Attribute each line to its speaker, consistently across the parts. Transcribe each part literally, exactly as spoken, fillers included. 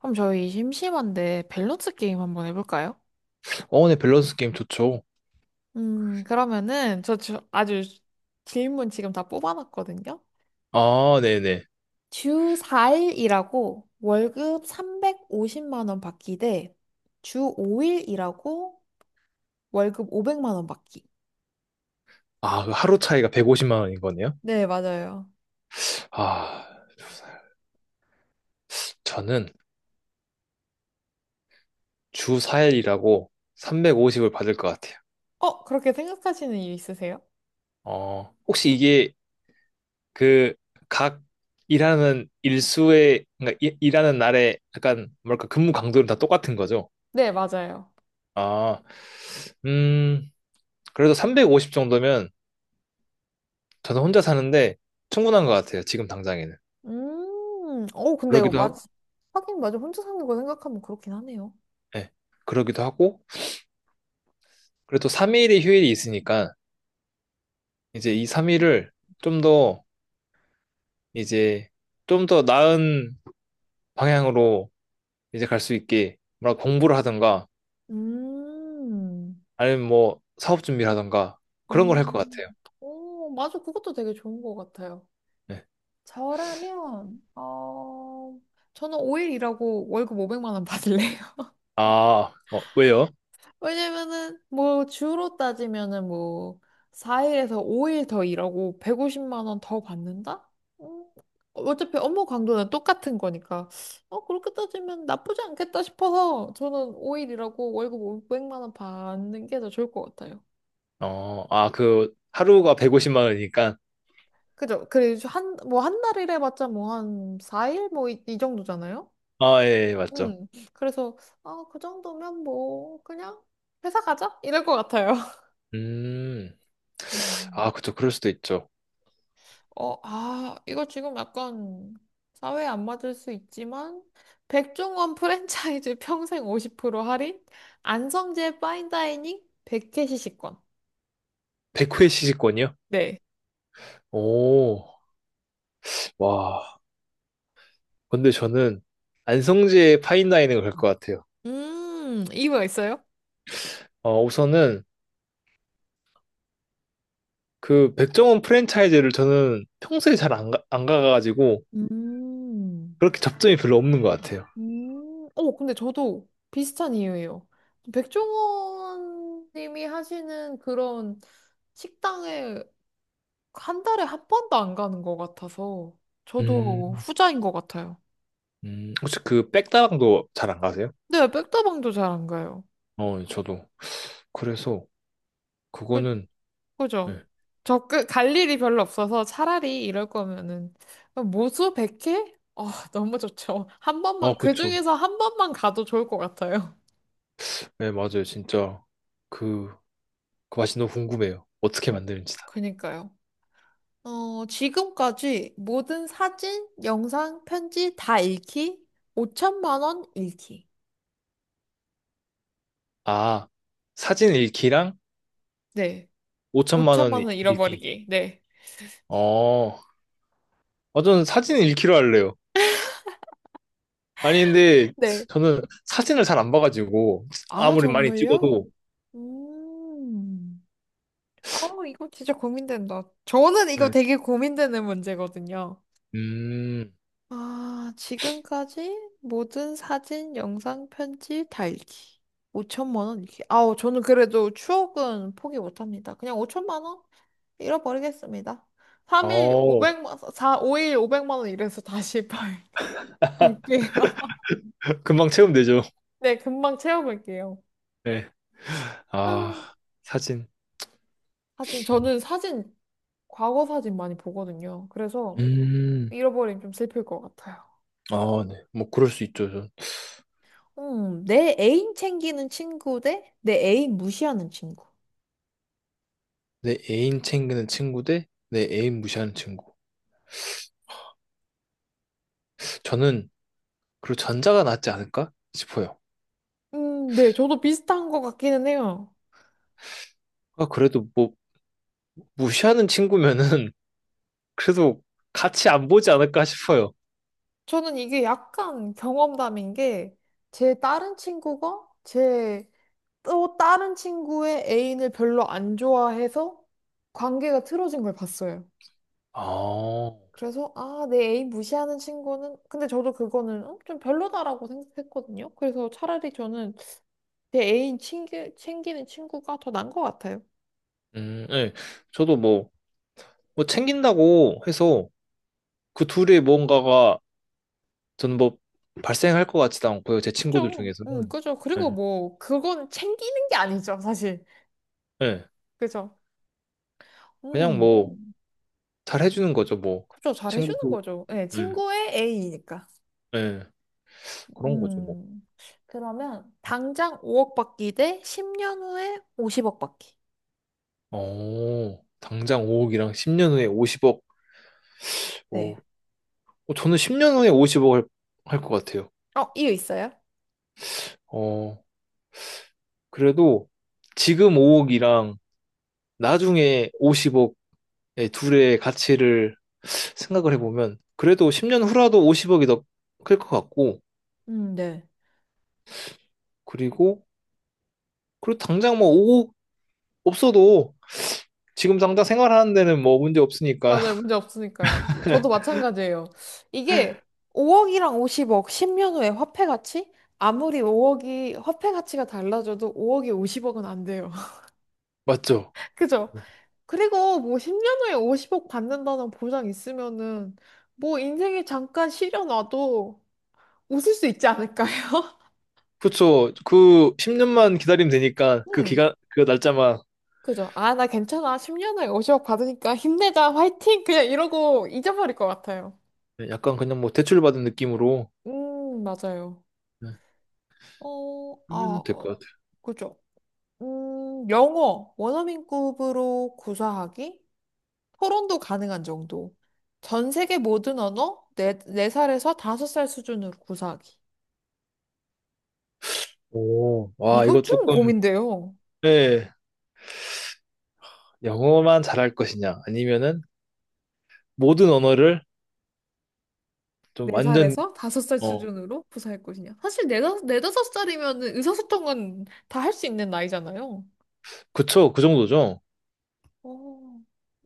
Speaker 1: 그럼 저희 심심한데 밸런스 게임 한번 해볼까요?
Speaker 2: 어, 네, 밸런스 게임 좋죠.
Speaker 1: 음, 그러면은 저 주- 아주 질문 지금 다 뽑아놨거든요.
Speaker 2: 아, 네네.
Speaker 1: 주 사 일 일하고 월급 삼백오십만 원 받기 대 주 오 일 일하고 월급 오백만 원 받기.
Speaker 2: 아, 그 하루 차이가 백오십만 원인 거네요?
Speaker 1: 네, 맞아요.
Speaker 2: 아, 저는 주 사 일이라고 삼백오십을 받을 것 같아요.
Speaker 1: 어, 그렇게 생각하시는 이유 있으세요?
Speaker 2: 어, 혹시 이게 그 각 일하는 일수의, 그러니까 일- 일하는 날에 약간 뭐랄까 근무 강도는 다 똑같은 거죠?
Speaker 1: 네, 맞아요.
Speaker 2: 아, 음, 그래도 삼백오십 정도면 저는 혼자 사는데 충분한 것 같아요. 지금 당장에는.
Speaker 1: 음, 어, 근데
Speaker 2: 그러기도
Speaker 1: 맞,
Speaker 2: 하고,
Speaker 1: 하긴 맞아. 혼자 사는 거 생각하면 그렇긴 하네요.
Speaker 2: 예, 그러기도 하고, 그래도 삼 일이 휴일이 있으니까 이제 이삼 일을 좀 더 이제 좀 더 나은 방향으로 이제 갈 수 있게 뭐라 공부를 하던가
Speaker 1: 음.
Speaker 2: 아니면 뭐 사업 준비를 하던가 그런 걸 할 것
Speaker 1: 음,
Speaker 2: 같아요.
Speaker 1: 오, 맞아. 그것도 되게 좋은 것 같아요.
Speaker 2: 네.
Speaker 1: 저라면, 어, 저는 오 일 일하고 월급 오백만 원 받을래요.
Speaker 2: 아, 어, 왜요?
Speaker 1: 왜냐면은, 뭐, 주로 따지면은 뭐, 사 일에서 오 일 더 일하고 백오십만 원 더 받는다? 음, 어차피 업무 강도는 똑같은 거니까, 어, 그렇게 따지면 나쁘지 않겠다 싶어서 저는 오 일 일하고 월급 오백만 원 받는 게 더 좋을 것 같아요.
Speaker 2: 어, 아, 그 하루가 백오십만 원이니까
Speaker 1: 그죠? 그리고 한, 뭐, 한 달 일해봤자 뭐, 한 사 일? 뭐, 이, 이 정도잖아요?
Speaker 2: 아, 예, 예, 맞죠.
Speaker 1: 응. 그래서, 아, 그 정도면 뭐, 그냥 회사 가자? 이럴 것 같아요.
Speaker 2: 음,
Speaker 1: 음.
Speaker 2: 아, 그쵸. 그럴 수도 있죠.
Speaker 1: 어, 아, 이거 지금 약간 사회에 안 맞을 수 있지만, 백종원 프랜차이즈 평생 오십 프로 할인? 안성재 파인다이닝? 백캐시 식권.
Speaker 2: 백 회 시식권이요?
Speaker 1: 네.
Speaker 2: 오, 와. 근데 저는 안성재 파인다이닝을 갈 것 같아요.
Speaker 1: 음, 이유가 있어요?
Speaker 2: 어, 우선은 그 백종원 프랜차이즈를 저는 평소에 잘 안 가, 안 가가지고
Speaker 1: 음.
Speaker 2: 그렇게 접점이 별로 없는 것 같아요.
Speaker 1: 음, 어, 근데 저도 비슷한 이유예요. 백종원 님이 하시는 그런 식당에 한 달에 한 번도 안 가는 것 같아서 저도
Speaker 2: 음,
Speaker 1: 후자인 것 같아요.
Speaker 2: 음, 혹시 그 백다방도 잘 안 가세요?
Speaker 1: 근데 백다방도 잘 안 가요.
Speaker 2: 어, 저도. 그래서,
Speaker 1: 그,
Speaker 2: 그거는,
Speaker 1: 그죠?
Speaker 2: 네.
Speaker 1: 저 그 갈 일이 별로 없어서 차라리 이럴 거면은 모수 백 회 아, 너무 좋죠. 한
Speaker 2: 아,
Speaker 1: 번만, 그
Speaker 2: 그쵸.
Speaker 1: 중에서 한 번만 가도 좋을 것 같아요.
Speaker 2: 네, 맞아요. 진짜, 그, 그 맛이 너무 궁금해요. 어떻게 만드는지 다.
Speaker 1: 그니까요. 어, 지금까지 모든 사진, 영상, 편지 다 잃기, 오천만 원 잃기.
Speaker 2: 아, 사진 일 기랑
Speaker 1: 네.
Speaker 2: 오천만 원
Speaker 1: 오천만
Speaker 2: 일
Speaker 1: 원
Speaker 2: 기
Speaker 1: 잃어버리기. 네.
Speaker 2: 어, 아, 저는 사진 일 기로 할래요. 아니, 근데
Speaker 1: 네.
Speaker 2: 저는 사진을 잘 안 봐가지고
Speaker 1: 아,
Speaker 2: 아무리 많이
Speaker 1: 정말요?
Speaker 2: 찍어도
Speaker 1: 음. 아, 이거 진짜 고민된다. 저는 이거
Speaker 2: 네,
Speaker 1: 되게 고민되는 문제거든요.
Speaker 2: 음,
Speaker 1: 아, 지금까지 모든 사진, 영상, 편지 다 잃기. 오천만 원 잃기. 아우, 저는 그래도 추억은 포기 못합니다. 그냥 오천만 원? 잃어버리겠습니다. 삼 일
Speaker 2: 어,
Speaker 1: 오백만, 사 오 일 오백만 원 이래서 다시 팔- 팔게요.
Speaker 2: 금방 체험되죠.
Speaker 1: 네, 금방 채워볼게요.
Speaker 2: 네.
Speaker 1: 아,
Speaker 2: 아, 사진.
Speaker 1: 사진. 저는 사진, 과거 사진 많이 보거든요. 그래서
Speaker 2: 음,
Speaker 1: 잃어버리면 좀 슬플 것 같아요.
Speaker 2: 아, 네. 뭐, 그럴 수 있죠. 전.
Speaker 1: 음, 내 애인 챙기는 친구 대 내 애인 무시하는 친구.
Speaker 2: 내 애인 챙기는 친구 대내 애인 무시하는 친구. 저는, 그리고 전자가 낫지 않을까 싶어요.
Speaker 1: 음, 네, 저도 비슷한 것 같기는 해요.
Speaker 2: 아, 그래도 뭐, 무시하는 친구면은, 그래도 같이 안 보지 않을까 싶어요.
Speaker 1: 저는 이게 약간 경험담인 게, 제 다른 친구가 제 또 다른 친구의 애인을 별로 안 좋아해서 관계가 틀어진 걸 봤어요.
Speaker 2: 아,
Speaker 1: 그래서 아, 내 애인 무시하는 친구는 근데 저도 그거는 어, 좀 별로다라고 생각했거든요. 그래서 차라리 저는 내 애인 챙기, 챙기는 친구가 더 나은 것 같아요.
Speaker 2: 음, 네. 저도 뭐, 뭐 챙긴다고 해서 그 둘의 뭔가가 저는 뭐 발생할 것 같지도 않고요. 제 친구들
Speaker 1: 그죠?
Speaker 2: 중에서는.
Speaker 1: 음, 그죠.
Speaker 2: 네.
Speaker 1: 그리고 뭐 그건 챙기는 게 아니죠, 사실.
Speaker 2: 예.
Speaker 1: 그죠?
Speaker 2: 그냥
Speaker 1: 음,
Speaker 2: 뭐, 잘 해주는 거죠, 뭐.
Speaker 1: 그죠.
Speaker 2: 친구,
Speaker 1: 잘해주는 거죠. 예,
Speaker 2: 예,
Speaker 1: 친구의 애인이니까.
Speaker 2: 예. 그런 거죠, 뭐.
Speaker 1: 음, 그러면 당장 오억 받기 대 십 년 후에 오십억 받기.
Speaker 2: 어, 당장 오 억이랑 십 년 후에 오십 억. 어,
Speaker 1: 네.
Speaker 2: 어, 저는 십 년 후에 오십 억을 할 것 같아요.
Speaker 1: 어, 이유 있어요?
Speaker 2: 어, 그래도 지금 오 억이랑 나중에 오십 억의 둘의 가치를 생각을 해보면, 그래도 십 년 후라도 오십 억이 더 클 것 같고,
Speaker 1: 음, 네.
Speaker 2: 그리고, 그리고 당장 뭐 오 억 없어도 지금 당장 생활하는 데는 뭐 문제 없으니까.
Speaker 1: 맞아요. 문제 없으니까요. 저도 마찬가지예요. 이게 오억이랑 오십억, 십 년 후에 화폐 가치? 아무리 오억이 화폐 가치가 달라져도 오억이 오십억은 안 돼요.
Speaker 2: 맞죠?
Speaker 1: 그죠? 그리고 뭐 십 년 후에 오십억 받는다는 보장 있으면은 뭐 인생에 잠깐 시려놔도 웃을 수 있지 않을까요?
Speaker 2: 그쵸. 그 십 년만 기다리면 되니까 그
Speaker 1: 음,
Speaker 2: 기간, 그 날짜만
Speaker 1: 그죠? 아, 나 괜찮아. 십 년 후에 오십억 받으니까 힘내자. 화이팅! 그냥 이러고 잊어버릴 것 같아요.
Speaker 2: 네, 약간 그냥 뭐 대출받은 느낌으로
Speaker 1: 음, 맞아요.
Speaker 2: 네,
Speaker 1: 어, 아,
Speaker 2: 하면 될
Speaker 1: 어,
Speaker 2: 것 같아요.
Speaker 1: 그죠. 음, 영어, 원어민급으로 구사하기? 토론도 가능한 정도. 전 세계 모든 언어, 네, 네살에서 다섯 살 수준으로 구사하기.
Speaker 2: 오, 와,
Speaker 1: 이거
Speaker 2: 이거
Speaker 1: 좀
Speaker 2: 조금,
Speaker 1: 고민돼요.
Speaker 2: 네 영어만 잘할 것이냐, 아니면은 모든 언어를 좀 완전,
Speaker 1: 네살에서 다섯 살
Speaker 2: 어,
Speaker 1: 수준으로 구사할 것이냐. 사실 네 다- 네 다섯 살이면 의사소통은 다 할 수 있는 나이잖아요.
Speaker 2: 그쵸. 그 정도죠.
Speaker 1: 어,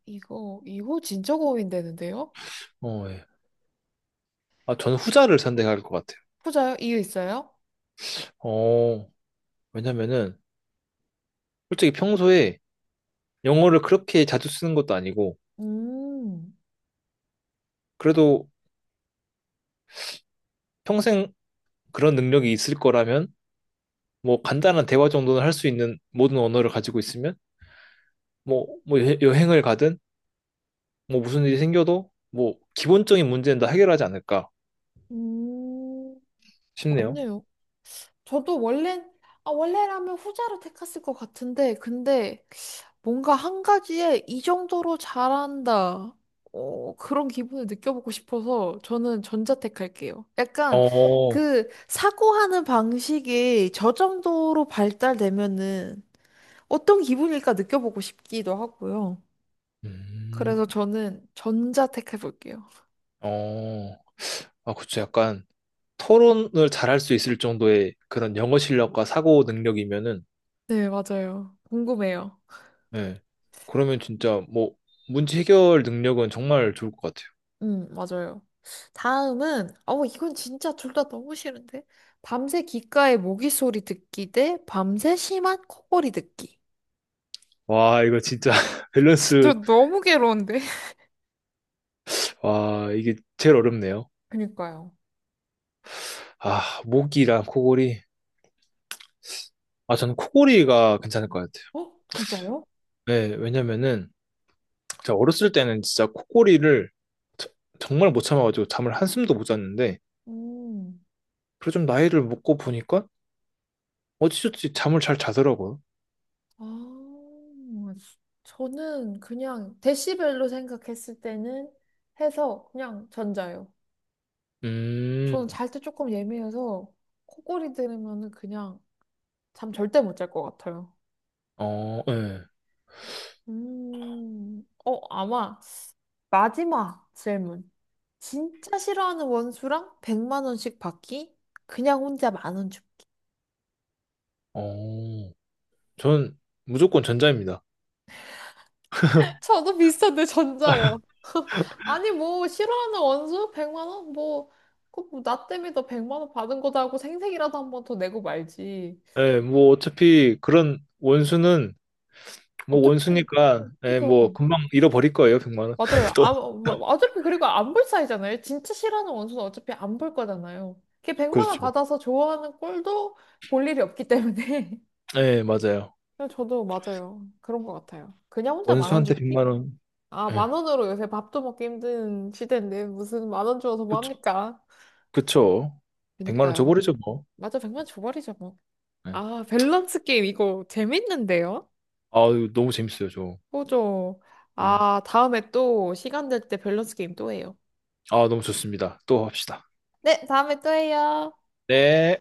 Speaker 1: 이거, 이거 진짜 고민되는데요?
Speaker 2: 어, 예. 아, 저는 후자를 선택할 것 같아요.
Speaker 1: 후자요? 이유 있어요?
Speaker 2: 어, 왜냐면은 솔직히 평소에 영어를 그렇게 자주 쓰는 것도 아니고,
Speaker 1: 음,
Speaker 2: 그래도 평생 그런 능력이 있을 거라면 뭐 간단한 대화 정도는 할 수 있는 모든 언어를 가지고 있으면 뭐, 뭐 여- 여행을 가든 뭐 무슨 일이 생겨도 뭐 기본적인 문제는 다 해결하지 않을까
Speaker 1: 음,
Speaker 2: 싶네요.
Speaker 1: 맞네요. 저도 원래, 아, 원래라면 후자로 택했을 것 같은데, 근데 뭔가 한 가지에 이 정도로 잘한다. 어, 그런 기분을 느껴보고 싶어서 저는 전자 택할게요. 약간
Speaker 2: 어,
Speaker 1: 그 사고하는 방식이 저 정도로 발달되면은 어떤 기분일까 느껴보고 싶기도 하고요. 그래서
Speaker 2: 음,
Speaker 1: 저는 전자 택해볼게요.
Speaker 2: 어, 아, 그쵸. 약간 토론을 잘할 수 있을 정도의 그런 영어 실력과 사고 능력이면은,
Speaker 1: 네, 맞아요. 궁금해요.
Speaker 2: 예. 그러면 진짜 뭐 문제 해결 능력은 정말 좋을 것 같아요.
Speaker 1: 음, 맞아요. 다음은, 어, 이건 진짜 둘 다 너무 싫은데? 밤새 귓가에 모기 소리 듣기 대 밤새 심한 코골이 듣기.
Speaker 2: 와, 이거 진짜
Speaker 1: 진짜
Speaker 2: 밸런스,
Speaker 1: 너무 괴로운데?
Speaker 2: 와, 이게 제일 어렵네요.
Speaker 1: 그니까요.
Speaker 2: 아, 모기랑 코골이. 아, 저는 코골이가 괜찮을 것 같아요.
Speaker 1: 어? 진짜요?
Speaker 2: 네, 왜냐면은 제가 어렸을 때는 진짜 코골이를 저- 정말 못 참아가지고 잠을 한숨도 못 잤는데
Speaker 1: 음,
Speaker 2: 그래 좀 나이를 먹고 보니까 어찌저찌 잠을 잘 자더라고요.
Speaker 1: 아, 저는 그냥 데시벨로 생각했을 때는 해서 그냥 전자요. 저는
Speaker 2: 음,
Speaker 1: 잘 때 조금 예민해서 코골이 들으면은 그냥 잠 절대 못 잘 것 같아요.
Speaker 2: 어, 예,
Speaker 1: 음, 어, 아마. 마지막 질문. 진짜 싫어하는 원수랑 백만 원씩 받기? 그냥 혼자 만 원 줍기.
Speaker 2: 어, 전 무조건 전자입니다.
Speaker 1: 저도 비슷한데 전자요. 아니 뭐 싫어하는 원수 백만 원? 뭐, 그나 때문에 너 백만 원 받은 거다 하고 생색이라도 한번 더 내고 말지.
Speaker 2: 예, 뭐 어차피 그런 원수는 뭐
Speaker 1: 어차피
Speaker 2: 원수니까 예, 뭐
Speaker 1: 그죠.
Speaker 2: 금방 잃어버릴 거예요, 백만 원.
Speaker 1: 맞아요.
Speaker 2: 또
Speaker 1: 아, 뭐, 어차피 그리고 안 볼 사이잖아요. 진짜 싫어하는 원수는 어차피 안 볼 거잖아요. 걔 백만 원
Speaker 2: 그렇죠.
Speaker 1: 받아서 좋아하는 꼴도 볼 일이 없기 때문에.
Speaker 2: 예, 맞아요.
Speaker 1: 네, 저도 맞아요. 그런 것 같아요. 그냥 혼자 만 원
Speaker 2: 원수한테
Speaker 1: 줍기?
Speaker 2: 백만 원.
Speaker 1: 아,
Speaker 2: 예.
Speaker 1: 만 원으로 요새 밥도 먹기 힘든 시대인데 무슨 만 원 주어서 뭐 합니까?
Speaker 2: 그쵸. 백만 원
Speaker 1: 그니까요.
Speaker 2: 줘버리죠, 뭐.
Speaker 1: 맞아, 백만 줘버리죠, 뭐.
Speaker 2: 네.
Speaker 1: 아, 밸런스 게임 이거 재밌는데요?
Speaker 2: 아, 너무 재밌어요, 저.
Speaker 1: 그죠.
Speaker 2: 네.
Speaker 1: 아, 다음에 또 시간 될 때 밸런스 게임 또 해요.
Speaker 2: 아, 너무 좋습니다. 또 합시다.
Speaker 1: 네, 다음에 또 해요.
Speaker 2: 네.